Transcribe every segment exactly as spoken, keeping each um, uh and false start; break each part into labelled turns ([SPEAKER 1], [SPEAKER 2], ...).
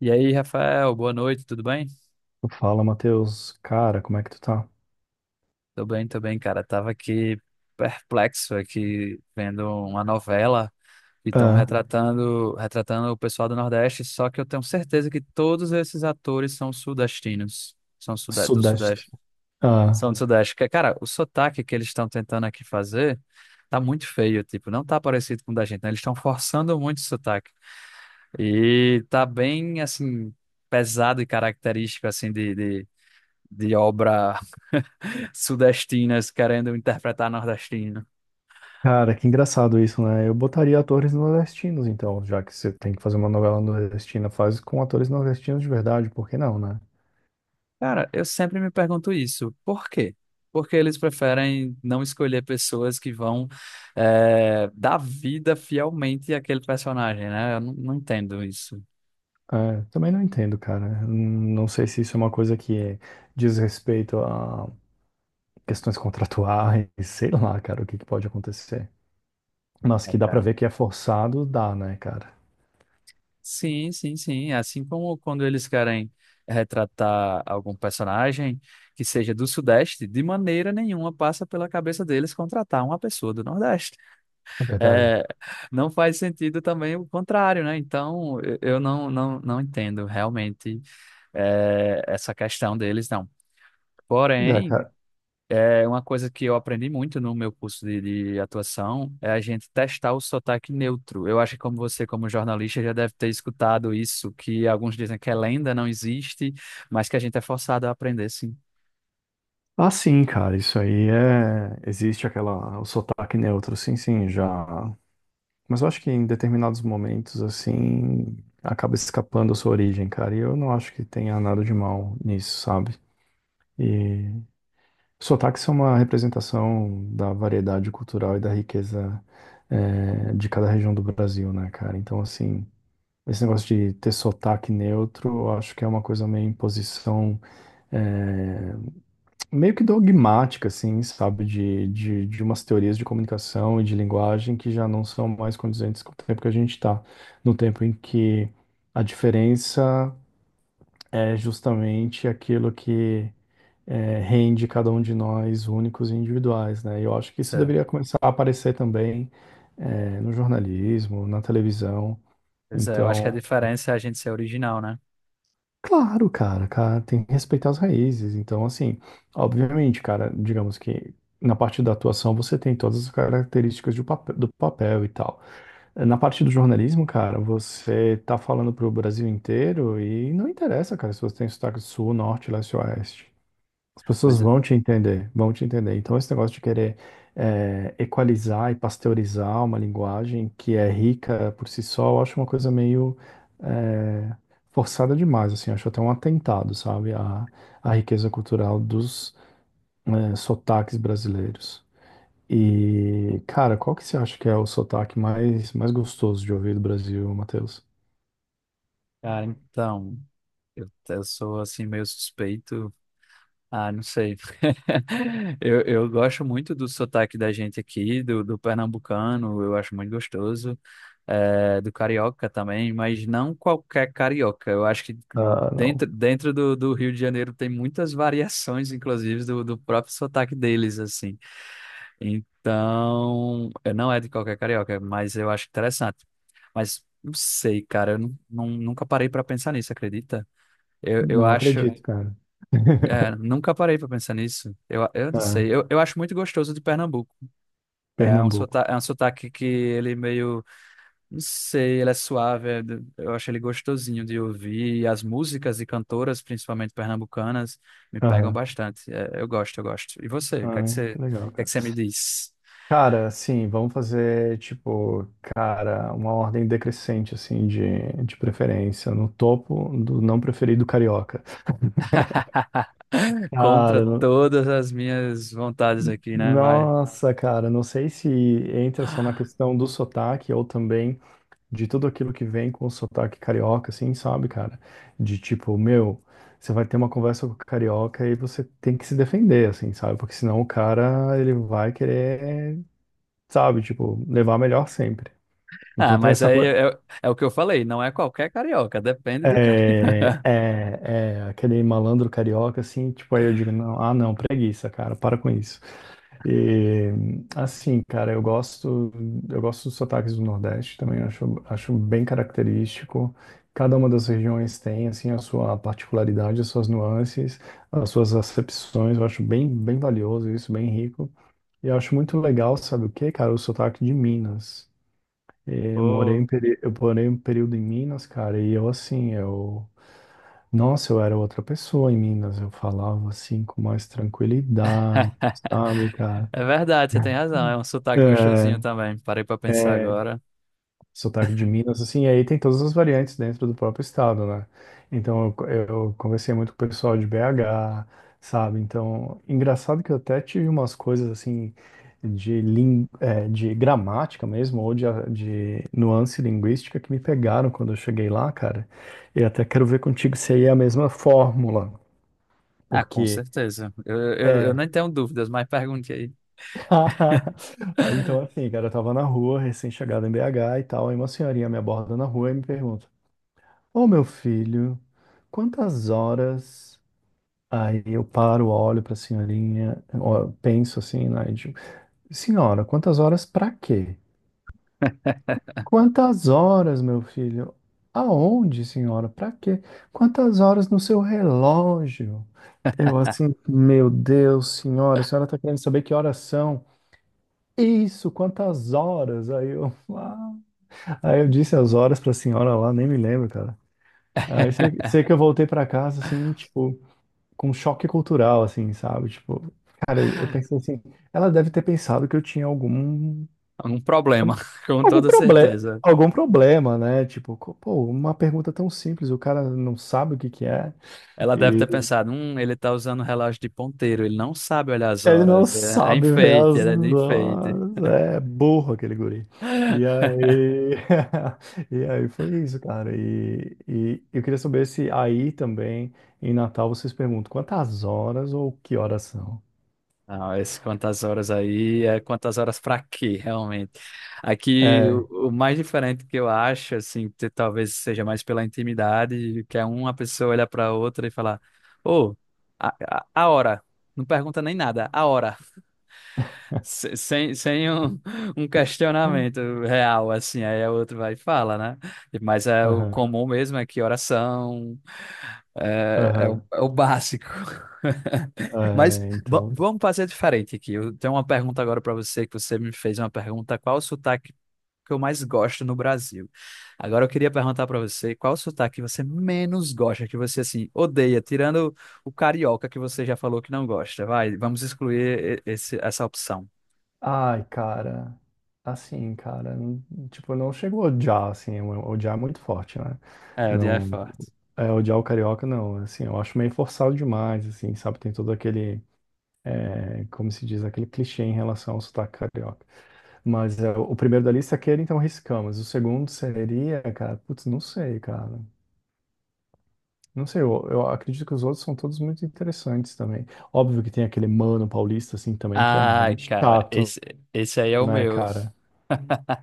[SPEAKER 1] E aí, Rafael, boa noite, tudo bem?
[SPEAKER 2] Fala, Matheus. Cara, como é que tu tá?
[SPEAKER 1] Tô bem, tô bem, cara. Tava aqui perplexo aqui vendo uma novela e estão
[SPEAKER 2] Ah,
[SPEAKER 1] retratando, retratando o pessoal do Nordeste, só que eu tenho certeza que todos esses atores são sudestinos, são sude- do
[SPEAKER 2] Sudeste.
[SPEAKER 1] Sudeste,
[SPEAKER 2] Ah,
[SPEAKER 1] são do Sudeste. Que, cara, o sotaque que eles estão tentando aqui fazer tá muito feio, tipo, não tá parecido com o da gente, né? Eles estão forçando muito o sotaque. E tá bem, assim, pesado e característico, assim, de de- de obra sudestinas querendo interpretar nordestino.
[SPEAKER 2] cara, que engraçado isso, né? Eu botaria atores nordestinos, então, já que você tem que fazer uma novela nordestina, faz com atores nordestinos de verdade, por que não, né?
[SPEAKER 1] Cara, eu sempre me pergunto isso. Por quê? Porque eles preferem não escolher pessoas que vão eh, dar vida fielmente àquele personagem, né? Eu não, não entendo isso.
[SPEAKER 2] É, também não entendo, cara. Hum, Não sei se isso é uma coisa que diz respeito a questões contratuais, sei lá, cara, o que que pode acontecer. Mas
[SPEAKER 1] É,
[SPEAKER 2] que dá pra
[SPEAKER 1] cara.
[SPEAKER 2] ver que é forçado, dá, né, cara?
[SPEAKER 1] Sim, sim, sim. Assim como quando eles querem retratar algum personagem que seja do Sudeste, de maneira nenhuma passa pela cabeça deles contratar uma pessoa do Nordeste.
[SPEAKER 2] Na verdade.
[SPEAKER 1] É, não faz sentido também o contrário, né? Então, eu eu não, não, não entendo realmente, é, essa questão deles, não.
[SPEAKER 2] Dá,
[SPEAKER 1] Porém,
[SPEAKER 2] cara.
[SPEAKER 1] é uma coisa que eu aprendi muito no meu curso de, de atuação é a gente testar o sotaque neutro. Eu acho que como você, como jornalista, já deve ter escutado isso, que alguns dizem que é lenda, não existe, mas que a gente é forçado a aprender, sim.
[SPEAKER 2] Ah, sim, cara, isso aí é. Existe aquela. O sotaque neutro, sim, sim, já. Mas eu acho que em determinados momentos, assim, acaba escapando a sua origem, cara. E eu não acho que tenha nada de mal nisso, sabe? E sotaques são uma representação da variedade cultural e da riqueza, é, de cada região do Brasil, né, cara? Então, assim. Esse negócio de ter sotaque neutro, eu acho que é uma coisa meio imposição, eh, meio que dogmática, assim, sabe, de, de, de umas teorias de comunicação e de linguagem que já não são mais condizentes com o tempo que a gente está, no tempo em que a diferença é justamente aquilo que é, rende cada um de nós únicos e individuais, né? E eu acho que
[SPEAKER 1] Isso
[SPEAKER 2] isso
[SPEAKER 1] é-
[SPEAKER 2] deveria começar a aparecer também é, no jornalismo, na televisão.
[SPEAKER 1] Pois é, eu acho que a
[SPEAKER 2] Então,
[SPEAKER 1] diferença é a gente ser original, né?
[SPEAKER 2] claro, cara, cara, tem que respeitar as raízes. Então, assim, obviamente, cara, digamos que na parte da atuação você tem todas as características do papel, do papel e tal. Na parte do jornalismo, cara, você tá falando pro Brasil inteiro e não interessa, cara, se você tem sotaque do sul, norte, leste, oeste. As pessoas
[SPEAKER 1] Pois é.
[SPEAKER 2] vão te entender, vão te entender. Então, esse negócio de querer eh, equalizar e pasteurizar uma linguagem que é rica por si só, eu acho uma coisa meio eh, forçada demais, assim. Acho até um atentado, sabe, à, à riqueza cultural dos eh, sotaques brasileiros. E, cara, qual que você acha que é o sotaque mais, mais gostoso de ouvir do Brasil, Matheus?
[SPEAKER 1] Cara, então, eu, eu sou assim meio suspeito. Ah, não sei. Eu, eu gosto muito do sotaque da gente aqui, do, do pernambucano, eu acho muito gostoso, eh, do carioca também, mas não qualquer carioca. Eu acho que hum,
[SPEAKER 2] Ah, não.
[SPEAKER 1] dentro, dentro do, do Rio de Janeiro tem muitas variações, inclusive, do, do próprio sotaque deles, assim. Então, eh, não é de qualquer carioca, mas eu acho interessante. Mas não sei, cara, eu nu- nu- nunca parei para pensar nisso, acredita? Eu, eu
[SPEAKER 2] Não
[SPEAKER 1] acho.
[SPEAKER 2] acredito, cara.
[SPEAKER 1] É, nunca parei pra pensar nisso. Eu, eu não
[SPEAKER 2] Ah,
[SPEAKER 1] sei. Eu, eu acho muito gostoso de Pernambuco. É um
[SPEAKER 2] Pernambuco.
[SPEAKER 1] sotaque, é um sotaque que ele meio, não sei, ele é suave. é do- Eu acho ele gostosinho de ouvir. E as músicas e cantoras, principalmente pernambucanas, me pegam
[SPEAKER 2] Aham.
[SPEAKER 1] bastante. É, eu gosto, eu gosto. E você? O que é que
[SPEAKER 2] Ai,
[SPEAKER 1] você, o
[SPEAKER 2] que legal,
[SPEAKER 1] que é que
[SPEAKER 2] cara.
[SPEAKER 1] você me diz?
[SPEAKER 2] Cara, assim, vamos fazer, tipo, cara, uma ordem decrescente, assim, de, de preferência. No topo do não preferido, carioca. Cara,
[SPEAKER 1] Contra
[SPEAKER 2] no-
[SPEAKER 1] todas as minhas vontades aqui, né? Vai.
[SPEAKER 2] Nossa, cara, não sei se entra só na questão do sotaque ou também de tudo aquilo que vem com o sotaque carioca, assim, sabe, cara? De tipo, meu, você vai ter uma conversa com o carioca e você tem que se defender, assim, sabe? Porque senão o cara, ele vai querer, sabe, tipo, levar a melhor sempre.
[SPEAKER 1] Ah,
[SPEAKER 2] Então tem
[SPEAKER 1] mas
[SPEAKER 2] essa
[SPEAKER 1] aí
[SPEAKER 2] coisa.
[SPEAKER 1] é, é o que eu falei. Não é qualquer carioca. Depende do
[SPEAKER 2] É,
[SPEAKER 1] carioca.
[SPEAKER 2] é, é aquele malandro carioca, assim, tipo, aí eu digo, não, ah, não, preguiça, cara, para com isso. E, assim, cara, eu gosto, eu gosto dos sotaques do Nordeste também, acho, acho bem característico. Cada uma das regiões tem, assim, a sua particularidade, as suas nuances, as suas acepções, eu acho bem, bem valioso isso, bem rico. E eu acho muito legal, sabe o quê, cara? O sotaque de Minas. É, eu morei
[SPEAKER 1] Pô.
[SPEAKER 2] em, peri- eu morei um período em Minas, cara, e eu, assim, eu... Nossa, eu era outra pessoa em Minas, eu falava assim com mais tranquilidade, sabe, cara?
[SPEAKER 1] É verdade, você tem razão. É um sotaque gostosinho
[SPEAKER 2] É,
[SPEAKER 1] também. Parei pra pensar agora.
[SPEAKER 2] sotaque de Minas, assim, e aí tem todas as variantes dentro do próprio estado, né? Então eu, eu conversei muito com o pessoal de B agá, sabe? Então, engraçado que eu até tive umas coisas assim de, lin, é, de gramática mesmo, ou de, a- de nuance linguística que me pegaram quando eu cheguei lá, cara. E até quero ver contigo se aí é a mesma fórmula.
[SPEAKER 1] Ah, com certeza. Eu, eu, eu
[SPEAKER 2] É.
[SPEAKER 1] nem tenho dúvidas, mas pergunte aí.
[SPEAKER 2] Ah, então, assim, cara, eu tava na rua, recém-chegado em B agá e tal, aí uma senhorinha me aborda na rua e me pergunta: Ô meu filho, quantas horas? Aí eu paro, olho pra senhorinha, ó, penso assim, né? E digo, senhora, quantas horas pra quê? Quantas horas, meu filho? Aonde, senhora? Pra quê? Quantas horas no seu relógio? Eu assim, meu Deus, senhora, a senhora tá querendo saber que horas são? Isso, quantas horas? Aí eu, aí eu disse as horas pra senhora lá, nem me lembro, cara. Aí sei, sei que eu voltei pra casa, assim, tipo, com um choque cultural, assim, sabe? Tipo, cara, eu, eu pensei assim, ela deve ter pensado que eu tinha algum,
[SPEAKER 1] Um problema, com
[SPEAKER 2] algum
[SPEAKER 1] toda
[SPEAKER 2] problema,
[SPEAKER 1] certeza.
[SPEAKER 2] algum problema, né? Tipo, co- pô, uma pergunta tão simples, o cara não sabe o que que é.
[SPEAKER 1] Ela deve ter pensado, hum, ele tá usando relógio de ponteiro, ele não sabe olhar as
[SPEAKER 2] Ele não
[SPEAKER 1] horas. É, é
[SPEAKER 2] sabe ver
[SPEAKER 1] enfeite,
[SPEAKER 2] as
[SPEAKER 1] é de enfeite.
[SPEAKER 2] horas. É burro aquele guri. E aí, e aí foi isso, cara. E, e eu queria saber se aí também, em Natal, vocês perguntam quantas horas ou que horas são?
[SPEAKER 1] Não, esse quantas horas aí é quantas horas para quê, realmente. Aqui,
[SPEAKER 2] É.
[SPEAKER 1] o, o mais diferente que eu acho, assim, te- talvez seja mais pela intimidade, que é uma pessoa olhar para outra e falar: Ô, a, a, a hora. Não pergunta nem nada, a hora. Se- Sem, sem um, um questionamento real, assim, aí o outro vai e fala, né? Mas é o
[SPEAKER 2] Aham,
[SPEAKER 1] comum mesmo, é que oração é, é o,
[SPEAKER 2] aham.
[SPEAKER 1] é o básico. Mas
[SPEAKER 2] É,
[SPEAKER 1] va-
[SPEAKER 2] então.
[SPEAKER 1] vamos fazer diferente aqui. Eu tenho uma pergunta agora para você, que você me fez uma pergunta, qual o sotaque que eu mais gosto no Brasil? Agora eu queria perguntar para você, qual o sotaque que você menos gosta, que você, assim, odeia, tirando o carioca que você já falou que não gosta. Vai, vamos excluir e- esse, essa opção.
[SPEAKER 2] Ai, cara, assim, cara, n- tipo, não chegou a odiar, assim, o- odiar é muito forte, né?
[SPEAKER 1] É, o dia é
[SPEAKER 2] Não,
[SPEAKER 1] forte.
[SPEAKER 2] é, odiar o carioca, não, assim, eu acho meio forçado demais, assim, sabe? Tem todo aquele, é, como se diz, aquele clichê em relação ao sotaque carioca. Mas é, o primeiro da lista é aquele, então, riscamos. O segundo seria, cara, putz, não sei, cara. Não sei, eu, eu acredito que os outros são todos muito interessantes também. Óbvio que tem aquele mano paulista, assim, também, que é bem
[SPEAKER 1] Ai, cara,
[SPEAKER 2] chato,
[SPEAKER 1] esse, esse aí é o
[SPEAKER 2] né,
[SPEAKER 1] meu.
[SPEAKER 2] cara?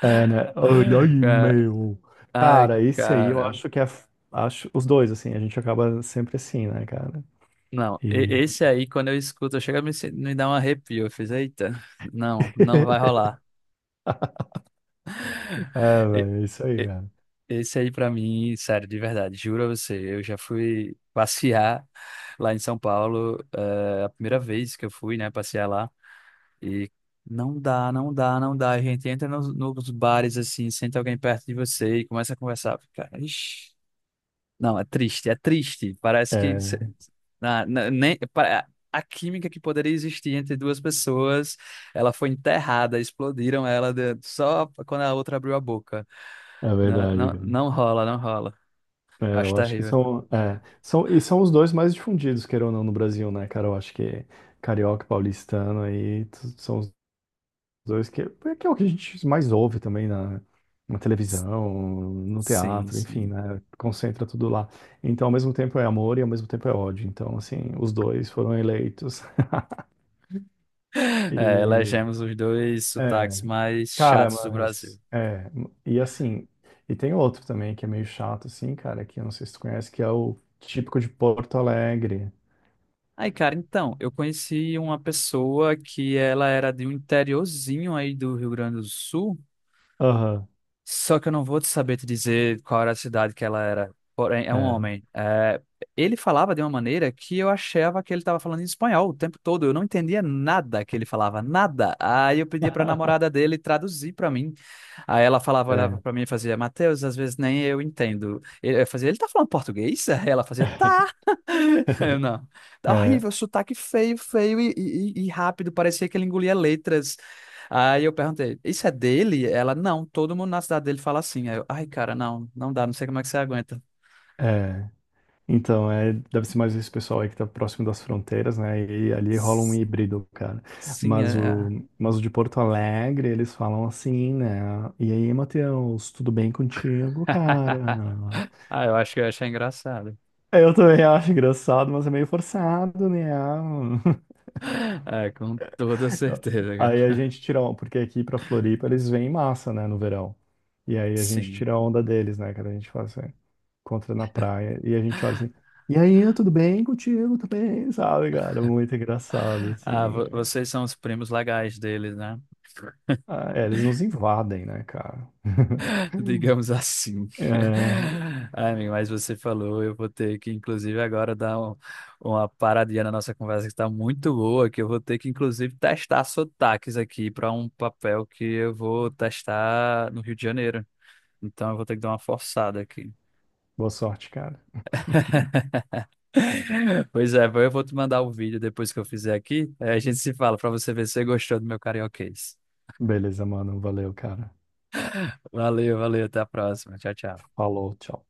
[SPEAKER 2] É, né? Ai, ai,
[SPEAKER 1] Cara,
[SPEAKER 2] meu.
[SPEAKER 1] ai,
[SPEAKER 2] Cara, esse aí eu
[SPEAKER 1] cara.
[SPEAKER 2] acho que é. Acho os dois, assim, a gente acaba sempre assim, né, cara?
[SPEAKER 1] Não, e-
[SPEAKER 2] E.
[SPEAKER 1] esse aí, quando eu escuto, chega a me, se- me dar um arrepio. Eu fiz, eita, não, não vai rolar.
[SPEAKER 2] É,
[SPEAKER 1] E-
[SPEAKER 2] velho, é isso aí,
[SPEAKER 1] e-
[SPEAKER 2] cara.
[SPEAKER 1] Esse aí, pra mim, sério, de verdade, juro a você, eu já fui passear lá em São Paulo, eh, a primeira vez que eu fui, né, passear lá. E não dá, não dá, não dá. A gente entra nos, nos bares assim, senta alguém perto de você e começa a conversar. Cara, ixi. Não, é triste, é triste. Parece que cê-
[SPEAKER 2] É,
[SPEAKER 1] na, na- nem, pa- a química que poderia existir entre duas pessoas, ela foi enterrada, explodiram ela de- só quando a outra abriu a boca.
[SPEAKER 2] é
[SPEAKER 1] Não,
[SPEAKER 2] verdade,
[SPEAKER 1] não,
[SPEAKER 2] cara.
[SPEAKER 1] não rola, não rola.
[SPEAKER 2] É,
[SPEAKER 1] Acho
[SPEAKER 2] eu acho que
[SPEAKER 1] terrível.
[SPEAKER 2] são, é, são. E são os dois mais difundidos, queira ou não, no Brasil, né, cara? Eu acho que carioca e paulistano aí t- são os dois, que é, que é o que a gente mais ouve também na, na televisão, no
[SPEAKER 1] Sim,
[SPEAKER 2] teatro, enfim,
[SPEAKER 1] sim.
[SPEAKER 2] né? Concentra tudo lá. Então, ao mesmo tempo é amor e ao mesmo tempo é ódio. Então, assim, os dois foram eleitos.
[SPEAKER 1] É,
[SPEAKER 2] E,
[SPEAKER 1] elegemos os dois
[SPEAKER 2] é,
[SPEAKER 1] sotaques mais
[SPEAKER 2] cara,
[SPEAKER 1] chatos do Brasil.
[SPEAKER 2] mas, é, e assim, e tem outro também que é meio chato, assim, cara, que eu não sei se tu conhece, que é o típico de Porto Alegre.
[SPEAKER 1] Aí, cara, então, eu conheci uma pessoa que ela era de um interiorzinho aí do Rio Grande do Sul,
[SPEAKER 2] Aham,
[SPEAKER 1] só que eu não vou te saber te dizer qual era a cidade que ela era. Porém, é um
[SPEAKER 2] é.
[SPEAKER 1] homem. É, ele falava de uma maneira que eu achava que ele estava falando em espanhol o tempo todo. Eu não entendia nada que ele falava, nada. Aí eu pedia para a namorada dele traduzir para mim. Aí ela falava, olhava
[SPEAKER 2] É.
[SPEAKER 1] para mim e fazia, Mateus, às vezes nem eu entendo. Ele- Eu fazia, ele tá falando português? Aí ela fazia, tá. Eu não. Tá
[SPEAKER 2] É,
[SPEAKER 1] horrível, sotaque feio, feio e, e- e rápido, parecia que ele engolia letras. Aí eu perguntei, isso é dele? Ela, não, todo mundo na cidade dele fala assim. Aí eu, ai, cara, não, não dá, não sei como é que você aguenta.
[SPEAKER 2] é, então, é, deve ser mais esse pessoal aí que tá próximo das fronteiras, né? E ali rola um
[SPEAKER 1] S-
[SPEAKER 2] híbrido, cara.
[SPEAKER 1] Sim,
[SPEAKER 2] Mas
[SPEAKER 1] é.
[SPEAKER 2] o, mas o de Porto Alegre, eles falam assim, né? E aí, Matheus, tudo bem contigo, cara?
[SPEAKER 1] Ah, eu acho que eu ia engraçado.
[SPEAKER 2] Eu também acho engraçado, mas é meio forçado, né?
[SPEAKER 1] É, com toda certeza,
[SPEAKER 2] Aí a
[SPEAKER 1] cara.
[SPEAKER 2] gente tira, on- porque aqui pra Floripa eles vêm em massa, né, no verão. E aí a gente
[SPEAKER 1] Sim.
[SPEAKER 2] tira a onda deles, né, cara? A gente faz assim. Encontra na praia e a gente olha assim, e aí, tudo bem contigo? Tudo bem, sabe, cara? Muito engraçado,
[SPEAKER 1] Ah,
[SPEAKER 2] assim,
[SPEAKER 1] vo-
[SPEAKER 2] cara.
[SPEAKER 1] vocês são os primos legais deles, né?
[SPEAKER 2] Ah, é, eles nos invadem, né, cara?
[SPEAKER 1] Digamos assim.
[SPEAKER 2] É,
[SPEAKER 1] Ai, amigo, mas você falou, eu vou ter que, inclusive, agora dar um- uma paradinha na nossa conversa que está muito boa, que eu vou ter que, inclusive, testar sotaques aqui para um papel que eu vou testar no Rio de Janeiro. Então, eu vou ter que dar uma forçada aqui.
[SPEAKER 2] boa sorte, cara.
[SPEAKER 1] Pois é, eu vou te mandar o vídeo depois que eu fizer aqui. Aí a gente se fala para você ver se você gostou do meu carioquês.
[SPEAKER 2] Beleza, mano. Valeu, cara.
[SPEAKER 1] Valeu, valeu, até a próxima. Tchau, tchau.
[SPEAKER 2] Falou, tchau.